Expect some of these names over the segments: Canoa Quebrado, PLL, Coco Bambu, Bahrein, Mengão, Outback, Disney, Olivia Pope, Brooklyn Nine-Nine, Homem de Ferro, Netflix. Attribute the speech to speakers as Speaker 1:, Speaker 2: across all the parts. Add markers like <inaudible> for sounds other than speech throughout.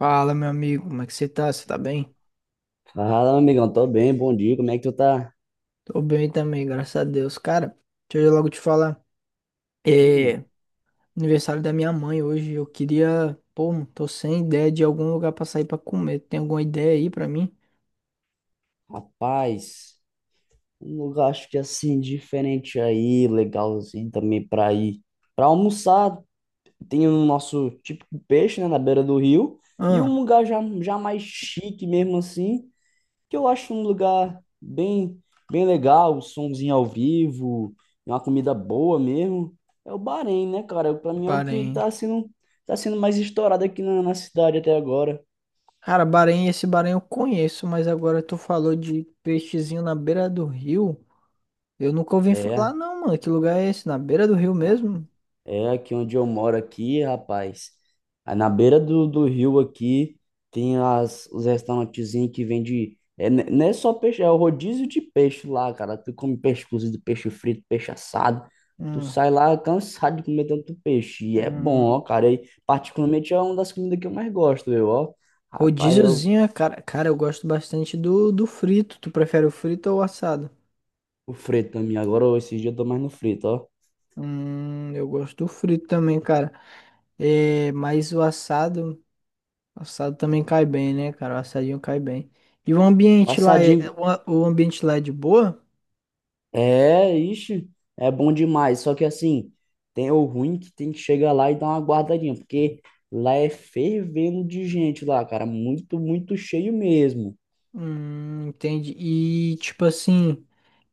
Speaker 1: Fala, meu amigo, como é que você tá? Você tá bem?
Speaker 2: Fala, meu amigão, tô bem, bom dia, como é que tu tá?
Speaker 1: Tô bem também, graças a Deus. Cara, deixa eu logo te falar.
Speaker 2: Hum.
Speaker 1: É aniversário da minha mãe hoje. Eu queria. Pô, tô sem ideia de algum lugar pra sair pra comer. Tem alguma ideia aí pra mim?
Speaker 2: Rapaz, um lugar acho que assim, diferente aí, legalzinho também pra ir. Pra almoçar, tem o nosso típico peixe, né, na beira do rio, e um
Speaker 1: Ah,
Speaker 2: lugar já mais chique mesmo assim, que eu acho um lugar bem, bem legal, somzinho ao vivo, uma comida boa mesmo. É o Bahrein, né, cara? Pra mim é o que
Speaker 1: Bahrein.
Speaker 2: tá sendo mais estourado aqui na cidade até agora.
Speaker 1: Cara, Bahrein, esse Bahrein eu conheço, mas agora tu falou de peixezinho na beira do rio. Eu nunca ouvi falar,
Speaker 2: É.
Speaker 1: não, mano. Que lugar é esse? Na beira do rio mesmo?
Speaker 2: É aqui onde eu moro aqui, rapaz. Aí na beira do rio aqui tem os restaurantezinhos que vende. É, não é só peixe, é o rodízio de peixe lá, cara. Tu come peixe cozido, peixe frito, peixe assado. Tu
Speaker 1: Hum,
Speaker 2: sai lá cansado de comer tanto peixe. E é bom, ó,
Speaker 1: hum.
Speaker 2: cara. E, particularmente é uma das comidas que eu mais gosto, eu, ó. Rapaz,
Speaker 1: Rodíziozinho, cara, eu gosto bastante do frito. Tu prefere o frito ou o assado?
Speaker 2: o frito também. Agora, ó, esses dias eu tô mais no frito, ó.
Speaker 1: Eu gosto do frito também, cara. É, mas o assado também cai bem, né, cara? O assadinho cai bem. E
Speaker 2: Passadinho.
Speaker 1: o ambiente lá é de boa?
Speaker 2: É, ixi, é bom demais. Só que assim, tem o ruim que tem que chegar lá e dar uma guardadinha, porque lá é fervendo de gente lá, cara. Muito, muito cheio mesmo.
Speaker 1: Entendi. E tipo assim,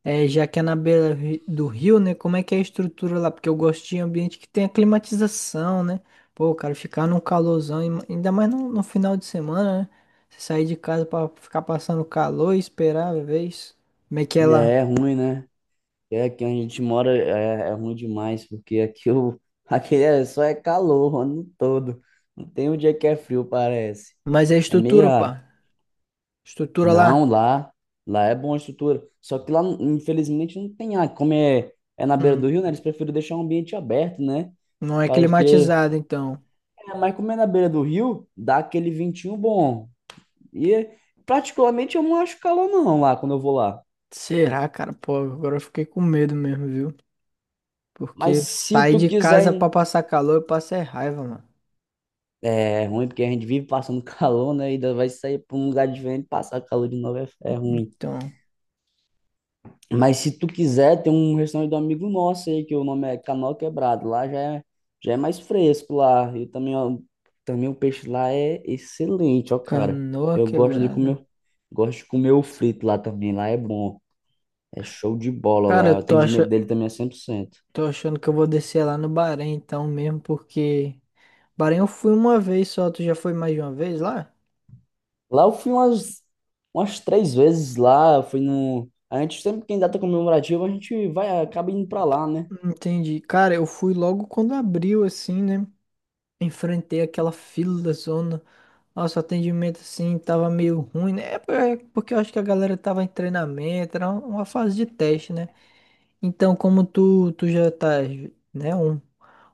Speaker 1: é, já que é na beira do rio, né? Como é que é a estrutura lá? Porque eu gosto de ambiente que tem a climatização, né? Pô, cara, ficar num calorzão, ainda mais no final de semana, né? Você sair de casa pra ficar passando calor e esperar, às vezes. Como é que é
Speaker 2: É,
Speaker 1: lá?
Speaker 2: é ruim, né? É, aqui onde a gente mora é ruim demais, porque aqui, <laughs> aqui é, só é calor o ano todo. Não tem um dia que é frio, parece.
Speaker 1: Mas é a
Speaker 2: É meio
Speaker 1: estrutura, pá.
Speaker 2: raro.
Speaker 1: Estrutura lá,
Speaker 2: Não, lá é bom a estrutura. Só que lá, infelizmente, não tem ar. Como é na beira
Speaker 1: hum,
Speaker 2: do rio, né? Eles preferem deixar o ambiente aberto, né?
Speaker 1: não
Speaker 2: Por
Speaker 1: é
Speaker 2: causa que.
Speaker 1: climatizada, então.
Speaker 2: É, mas como é na beira do rio, dá aquele ventinho bom. E, particularmente, eu não acho calor, não, lá, quando eu vou lá.
Speaker 1: Será, cara? Pô, agora eu fiquei com medo mesmo, viu?
Speaker 2: Mas
Speaker 1: Porque
Speaker 2: se
Speaker 1: sair
Speaker 2: tu
Speaker 1: de casa
Speaker 2: quiser.
Speaker 1: pra passar calor, eu passo é raiva, mano.
Speaker 2: É ruim, porque a gente vive passando <laughs> calor, né? E ainda vai sair para um lugar diferente, passar calor de novo é ruim.
Speaker 1: Então,
Speaker 2: Mas se tu quiser, tem um restaurante do amigo nosso aí, que o nome é Canoa Quebrado. Lá já é mais fresco lá. E também, ó, também o peixe lá é excelente, ó, cara.
Speaker 1: canoa
Speaker 2: Eu gosto de comer,
Speaker 1: quebrada.
Speaker 2: gosto de comer o frito lá também. Lá é bom. É show de bola
Speaker 1: Cara,
Speaker 2: lá. O
Speaker 1: eu tô, ach...
Speaker 2: atendimento dele também é 100%.
Speaker 1: Tô achando que eu vou descer lá no Bahrein então mesmo, porque... Bahrein eu fui uma vez só, tu já foi mais de uma vez lá?
Speaker 2: Lá eu fui umas 3 vezes lá. Eu fui no... A gente sempre quem data comemorativa, a gente vai, acaba indo pra lá, né?
Speaker 1: Entendi. Cara, eu fui logo quando abriu, assim, né? Enfrentei aquela fila da zona. Nossa, o atendimento, assim, tava meio ruim, né? É porque eu acho que a galera tava em treinamento, era uma fase de teste, né? Então, como tu já tá, né, um,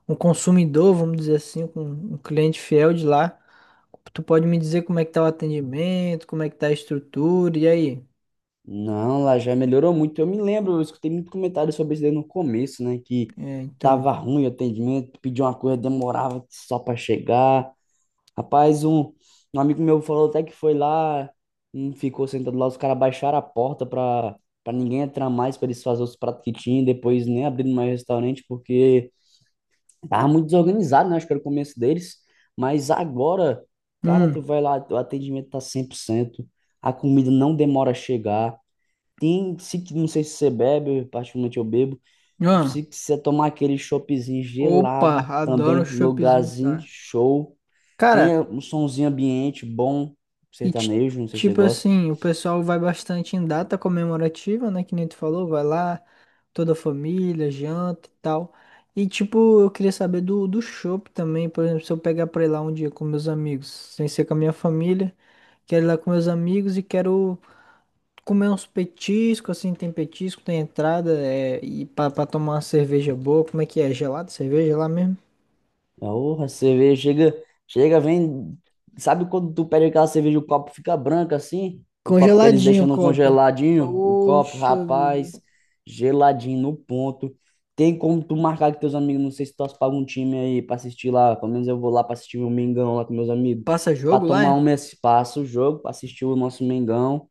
Speaker 1: um consumidor, vamos dizer assim, um cliente fiel de lá, tu pode me dizer como é que tá o atendimento, como é que tá a estrutura, e aí?
Speaker 2: Não, lá já melhorou muito. Eu me lembro, eu escutei muito comentário sobre isso daí no começo, né? Que
Speaker 1: É, então.
Speaker 2: tava ruim o atendimento, pedia uma coisa, demorava só para chegar. Rapaz, um amigo meu falou até que foi lá, ficou sentado lá, os caras baixaram a porta pra ninguém entrar mais, pra eles fazerem os pratos que tinham, depois nem abrindo mais restaurante, porque tava muito desorganizado, né? Acho que era o começo deles. Mas agora, cara, tu
Speaker 1: Hum.
Speaker 2: vai lá, o atendimento tá 100%. A comida não demora a chegar. Tem, se, não sei se você bebe, eu, particularmente eu bebo.
Speaker 1: Ah,
Speaker 2: Se você tomar aquele choppzinho
Speaker 1: opa,
Speaker 2: gelado também,
Speaker 1: adoro um choppzinho,
Speaker 2: lugarzinho
Speaker 1: cara.
Speaker 2: show. Tem
Speaker 1: Cara,
Speaker 2: um somzinho ambiente bom,
Speaker 1: e ti-
Speaker 2: sertanejo, não sei se você
Speaker 1: tipo
Speaker 2: gosta.
Speaker 1: assim, o pessoal vai bastante em data comemorativa, né? Que nem tu falou, vai lá, toda a família, janta e tal. E tipo, eu queria saber do chopp também, por exemplo, se eu pegar pra ir lá um dia com meus amigos, sem ser com a minha família, quero ir lá com meus amigos e quero comer uns petiscos, assim, tem petisco, tem entrada, é, e pra tomar uma cerveja boa, como é que é? Gelado, cerveja lá mesmo?
Speaker 2: Porra, a cerveja chega, chega, vem. Sabe quando tu pede aquela cerveja, e o copo fica branco assim? O copo que eles
Speaker 1: Congeladinho
Speaker 2: deixam
Speaker 1: o
Speaker 2: no
Speaker 1: copo.
Speaker 2: congeladinho, o copo,
Speaker 1: Poxa
Speaker 2: rapaz,
Speaker 1: vida.
Speaker 2: geladinho no ponto. Tem como tu marcar com teus amigos, não sei se tu torce pra algum time aí pra assistir lá, pelo menos eu vou lá pra assistir o Mengão lá com meus amigos,
Speaker 1: Passa
Speaker 2: pra
Speaker 1: jogo lá,
Speaker 2: tomar
Speaker 1: é?
Speaker 2: um espaço, o jogo, pra assistir o nosso Mengão.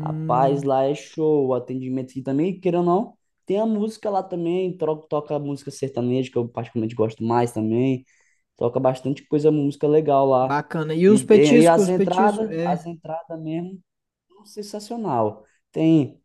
Speaker 2: Rapaz, lá é show, o atendimento aqui também, queira ou não, tem a música lá também, toca música sertaneja, que eu particularmente gosto mais também, toca bastante coisa, música legal lá.
Speaker 1: bacana. E
Speaker 2: E,
Speaker 1: os
Speaker 2: e, e
Speaker 1: petiscos,
Speaker 2: as
Speaker 1: os petiscos,
Speaker 2: entradas,
Speaker 1: é,
Speaker 2: as entradas mesmo, sensacional. Tem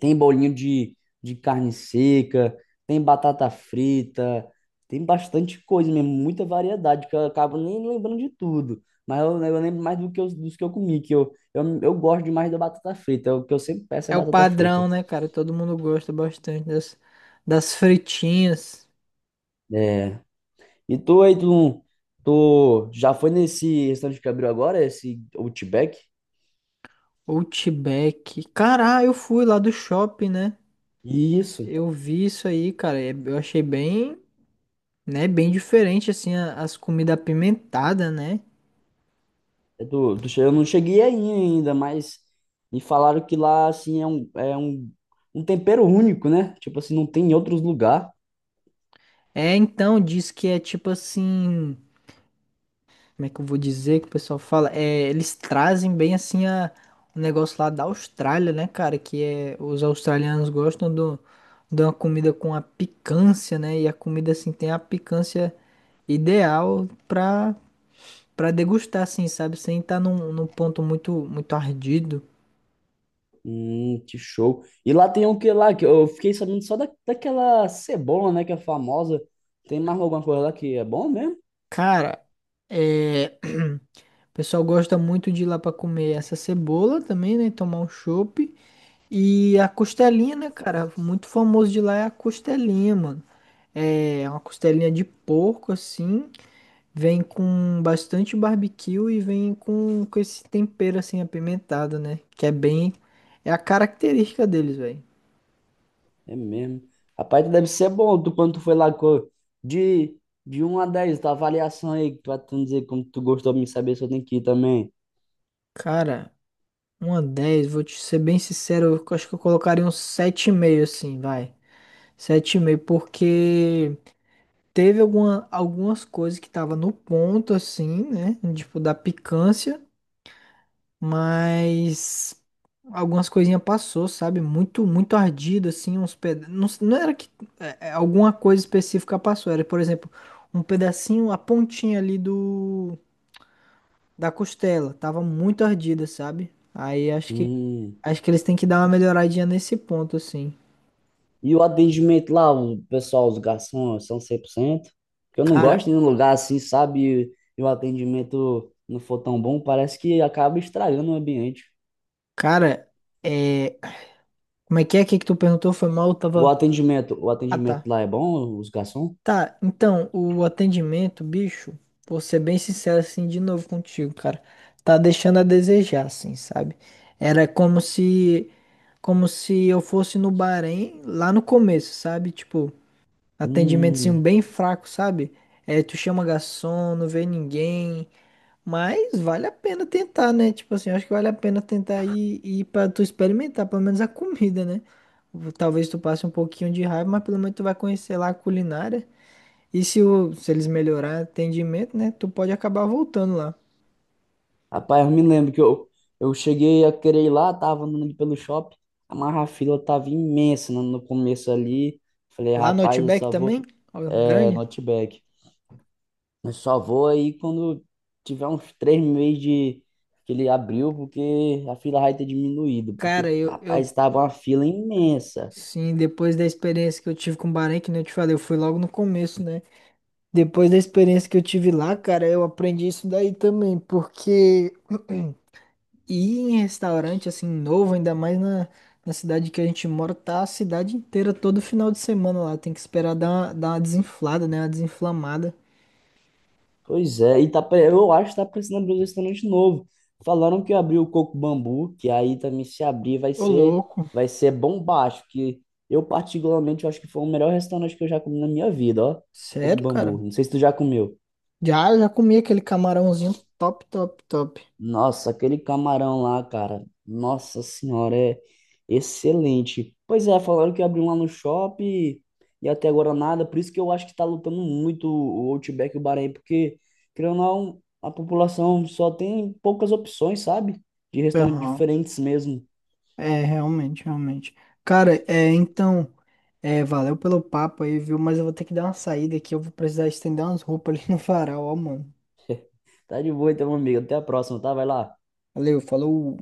Speaker 2: tem bolinho de carne seca, tem batata frita, tem bastante coisa mesmo, muita variedade, que eu acabo nem lembrando de tudo. Mas eu lembro mais dos que eu comi, que eu gosto demais da batata frita. O que eu sempre peço é
Speaker 1: é o
Speaker 2: batata
Speaker 1: padrão,
Speaker 2: frita.
Speaker 1: né, cara? Todo mundo gosta bastante das fritinhas.
Speaker 2: É. E tu aí, tu já foi nesse restaurante que abriu agora, esse Outback?
Speaker 1: Outback. Caralho, eu fui lá do shopping, né?
Speaker 2: Isso.
Speaker 1: Eu vi isso aí, cara. E eu achei bem, né? Bem diferente, assim, as comidas apimentadas, né?
Speaker 2: Eu não cheguei aí ainda, mas me falaram que lá, assim, um tempero único, né? Tipo assim, não tem em outros lugares.
Speaker 1: É, então, diz que é tipo assim. Como é que eu vou dizer que o pessoal fala? É, eles trazem bem assim o negócio lá da Austrália, né, cara? Que é, os australianos gostam de uma comida com a picância, né? E a comida, assim, tem a picância ideal pra degustar, assim, sabe? Sem estar num ponto muito, muito ardido.
Speaker 2: Que show. E lá tem o que lá? Que eu fiquei sabendo só daquela cebola, né? Que é famosa. Tem mais alguma coisa lá que é bom mesmo?
Speaker 1: Cara, é... <clears throat> o pessoal gosta muito de ir lá pra comer essa cebola também, né? Tomar um chopp. E a costelinha, né, cara? Muito famoso de lá é a costelinha, mano. É uma costelinha de porco, assim. Vem com bastante barbecue e vem com esse tempero, assim, apimentado, né? Que é bem. É a característica deles, velho.
Speaker 2: É mesmo. Rapaz, deve ser bom tu, quando tu foi lá. De, de 1 a 10 tua avaliação aí, que tu vai tu dizer como tu gostou de me saber se eu tenho que ir também.
Speaker 1: Cara, uma dez. Vou te ser bem sincero, eu acho que eu colocaria um sete e meio, assim, vai. Sete e meio, porque teve algumas coisas que tava no ponto, assim, né? Tipo, da picância, mas algumas coisinhas passou, sabe? Muito, muito ardido, assim, uns pedaços. Não, não era que alguma coisa específica passou, era, por exemplo, um pedacinho, a pontinha ali do da costela, tava muito ardida, sabe? Aí acho que
Speaker 2: Hum.
Speaker 1: acho que eles têm que dar uma melhoradinha nesse ponto, assim.
Speaker 2: E o atendimento lá, o pessoal, os garçons, são 100%. Eu não
Speaker 1: Cara,
Speaker 2: gosto de ir num lugar assim, sabe? E o atendimento não for tão bom, parece que acaba estragando o ambiente.
Speaker 1: cara. é Como é que é? O que é que tu perguntou? Foi mal, eu
Speaker 2: O
Speaker 1: tava.
Speaker 2: atendimento, o
Speaker 1: Ah,
Speaker 2: atendimento
Speaker 1: tá.
Speaker 2: lá é bom, os garçons?
Speaker 1: Tá, então, o atendimento, bicho, vou ser bem sincero assim de novo contigo, cara. Tá deixando a desejar, assim, sabe? Era como se. Como se eu fosse no Bahrein lá no começo, sabe? Tipo, atendimento assim,
Speaker 2: Hum,
Speaker 1: bem fraco, sabe? É, tu chama garçom, não vê ninguém. Mas vale a pena tentar, né? Tipo assim, eu acho que vale a pena tentar ir pra tu experimentar, pelo menos a comida, né? Talvez tu passe um pouquinho de raiva, mas pelo menos tu vai conhecer lá a culinária. E se eles melhorarem o atendimento, né? Tu pode acabar voltando lá.
Speaker 2: Rapaz, eu me lembro que eu cheguei a querer ir lá, tava andando ali pelo shopping, mas a fila tava imensa no começo ali. Falei,
Speaker 1: Lá no
Speaker 2: rapaz, eu
Speaker 1: Outback
Speaker 2: só
Speaker 1: também?
Speaker 2: vou,
Speaker 1: Olha,
Speaker 2: é,
Speaker 1: grande.
Speaker 2: Outback. Eu só vou aí quando tiver uns 3 meses de que ele abriu, porque a fila vai ter diminuído, porque,
Speaker 1: Cara, eu,
Speaker 2: rapaz,
Speaker 1: eu
Speaker 2: tava uma fila imensa.
Speaker 1: sim, depois da experiência que eu tive com o Bahrein, que nem eu te falei, eu fui logo no começo, né? Depois da experiência que eu tive lá, cara, eu aprendi isso daí também, porque. <clears throat> E em restaurante assim novo, ainda mais na, cidade que a gente mora, tá a cidade inteira todo final de semana lá. Tem que esperar dar uma desinflada, né? Uma desinflamada.
Speaker 2: Pois é, e tá, eu acho que tá precisando abrir um restaurante novo. Falaram que abriu o Coco Bambu, que aí também se abrir vai
Speaker 1: Ô,
Speaker 2: ser,
Speaker 1: louco.
Speaker 2: vai ser bombástico, que eu particularmente eu acho que foi o melhor restaurante que eu já comi na minha vida, ó. Coco
Speaker 1: Sério,
Speaker 2: Bambu.
Speaker 1: cara?
Speaker 2: Não sei se tu já comeu.
Speaker 1: Já, já comi aquele camarãozinho top, top, top.
Speaker 2: Nossa, aquele camarão lá, cara. Nossa senhora, é excelente. Pois é, falaram que abriu lá no shopping e até agora nada. Por isso que eu acho que tá lutando muito o Outback e o Bahrein, porque, querendo ou não, a população só tem poucas opções, sabe? De restaurantes
Speaker 1: Aham.
Speaker 2: diferentes mesmo.
Speaker 1: É, realmente, realmente. Cara, é, então, é, valeu pelo papo aí, viu? Mas eu vou ter que dar uma saída aqui. Eu vou precisar estender umas roupas ali no varal, ó, mano.
Speaker 2: Tá de boa então, meu amigo. Até a próxima, tá? Vai lá.
Speaker 1: Valeu, falou.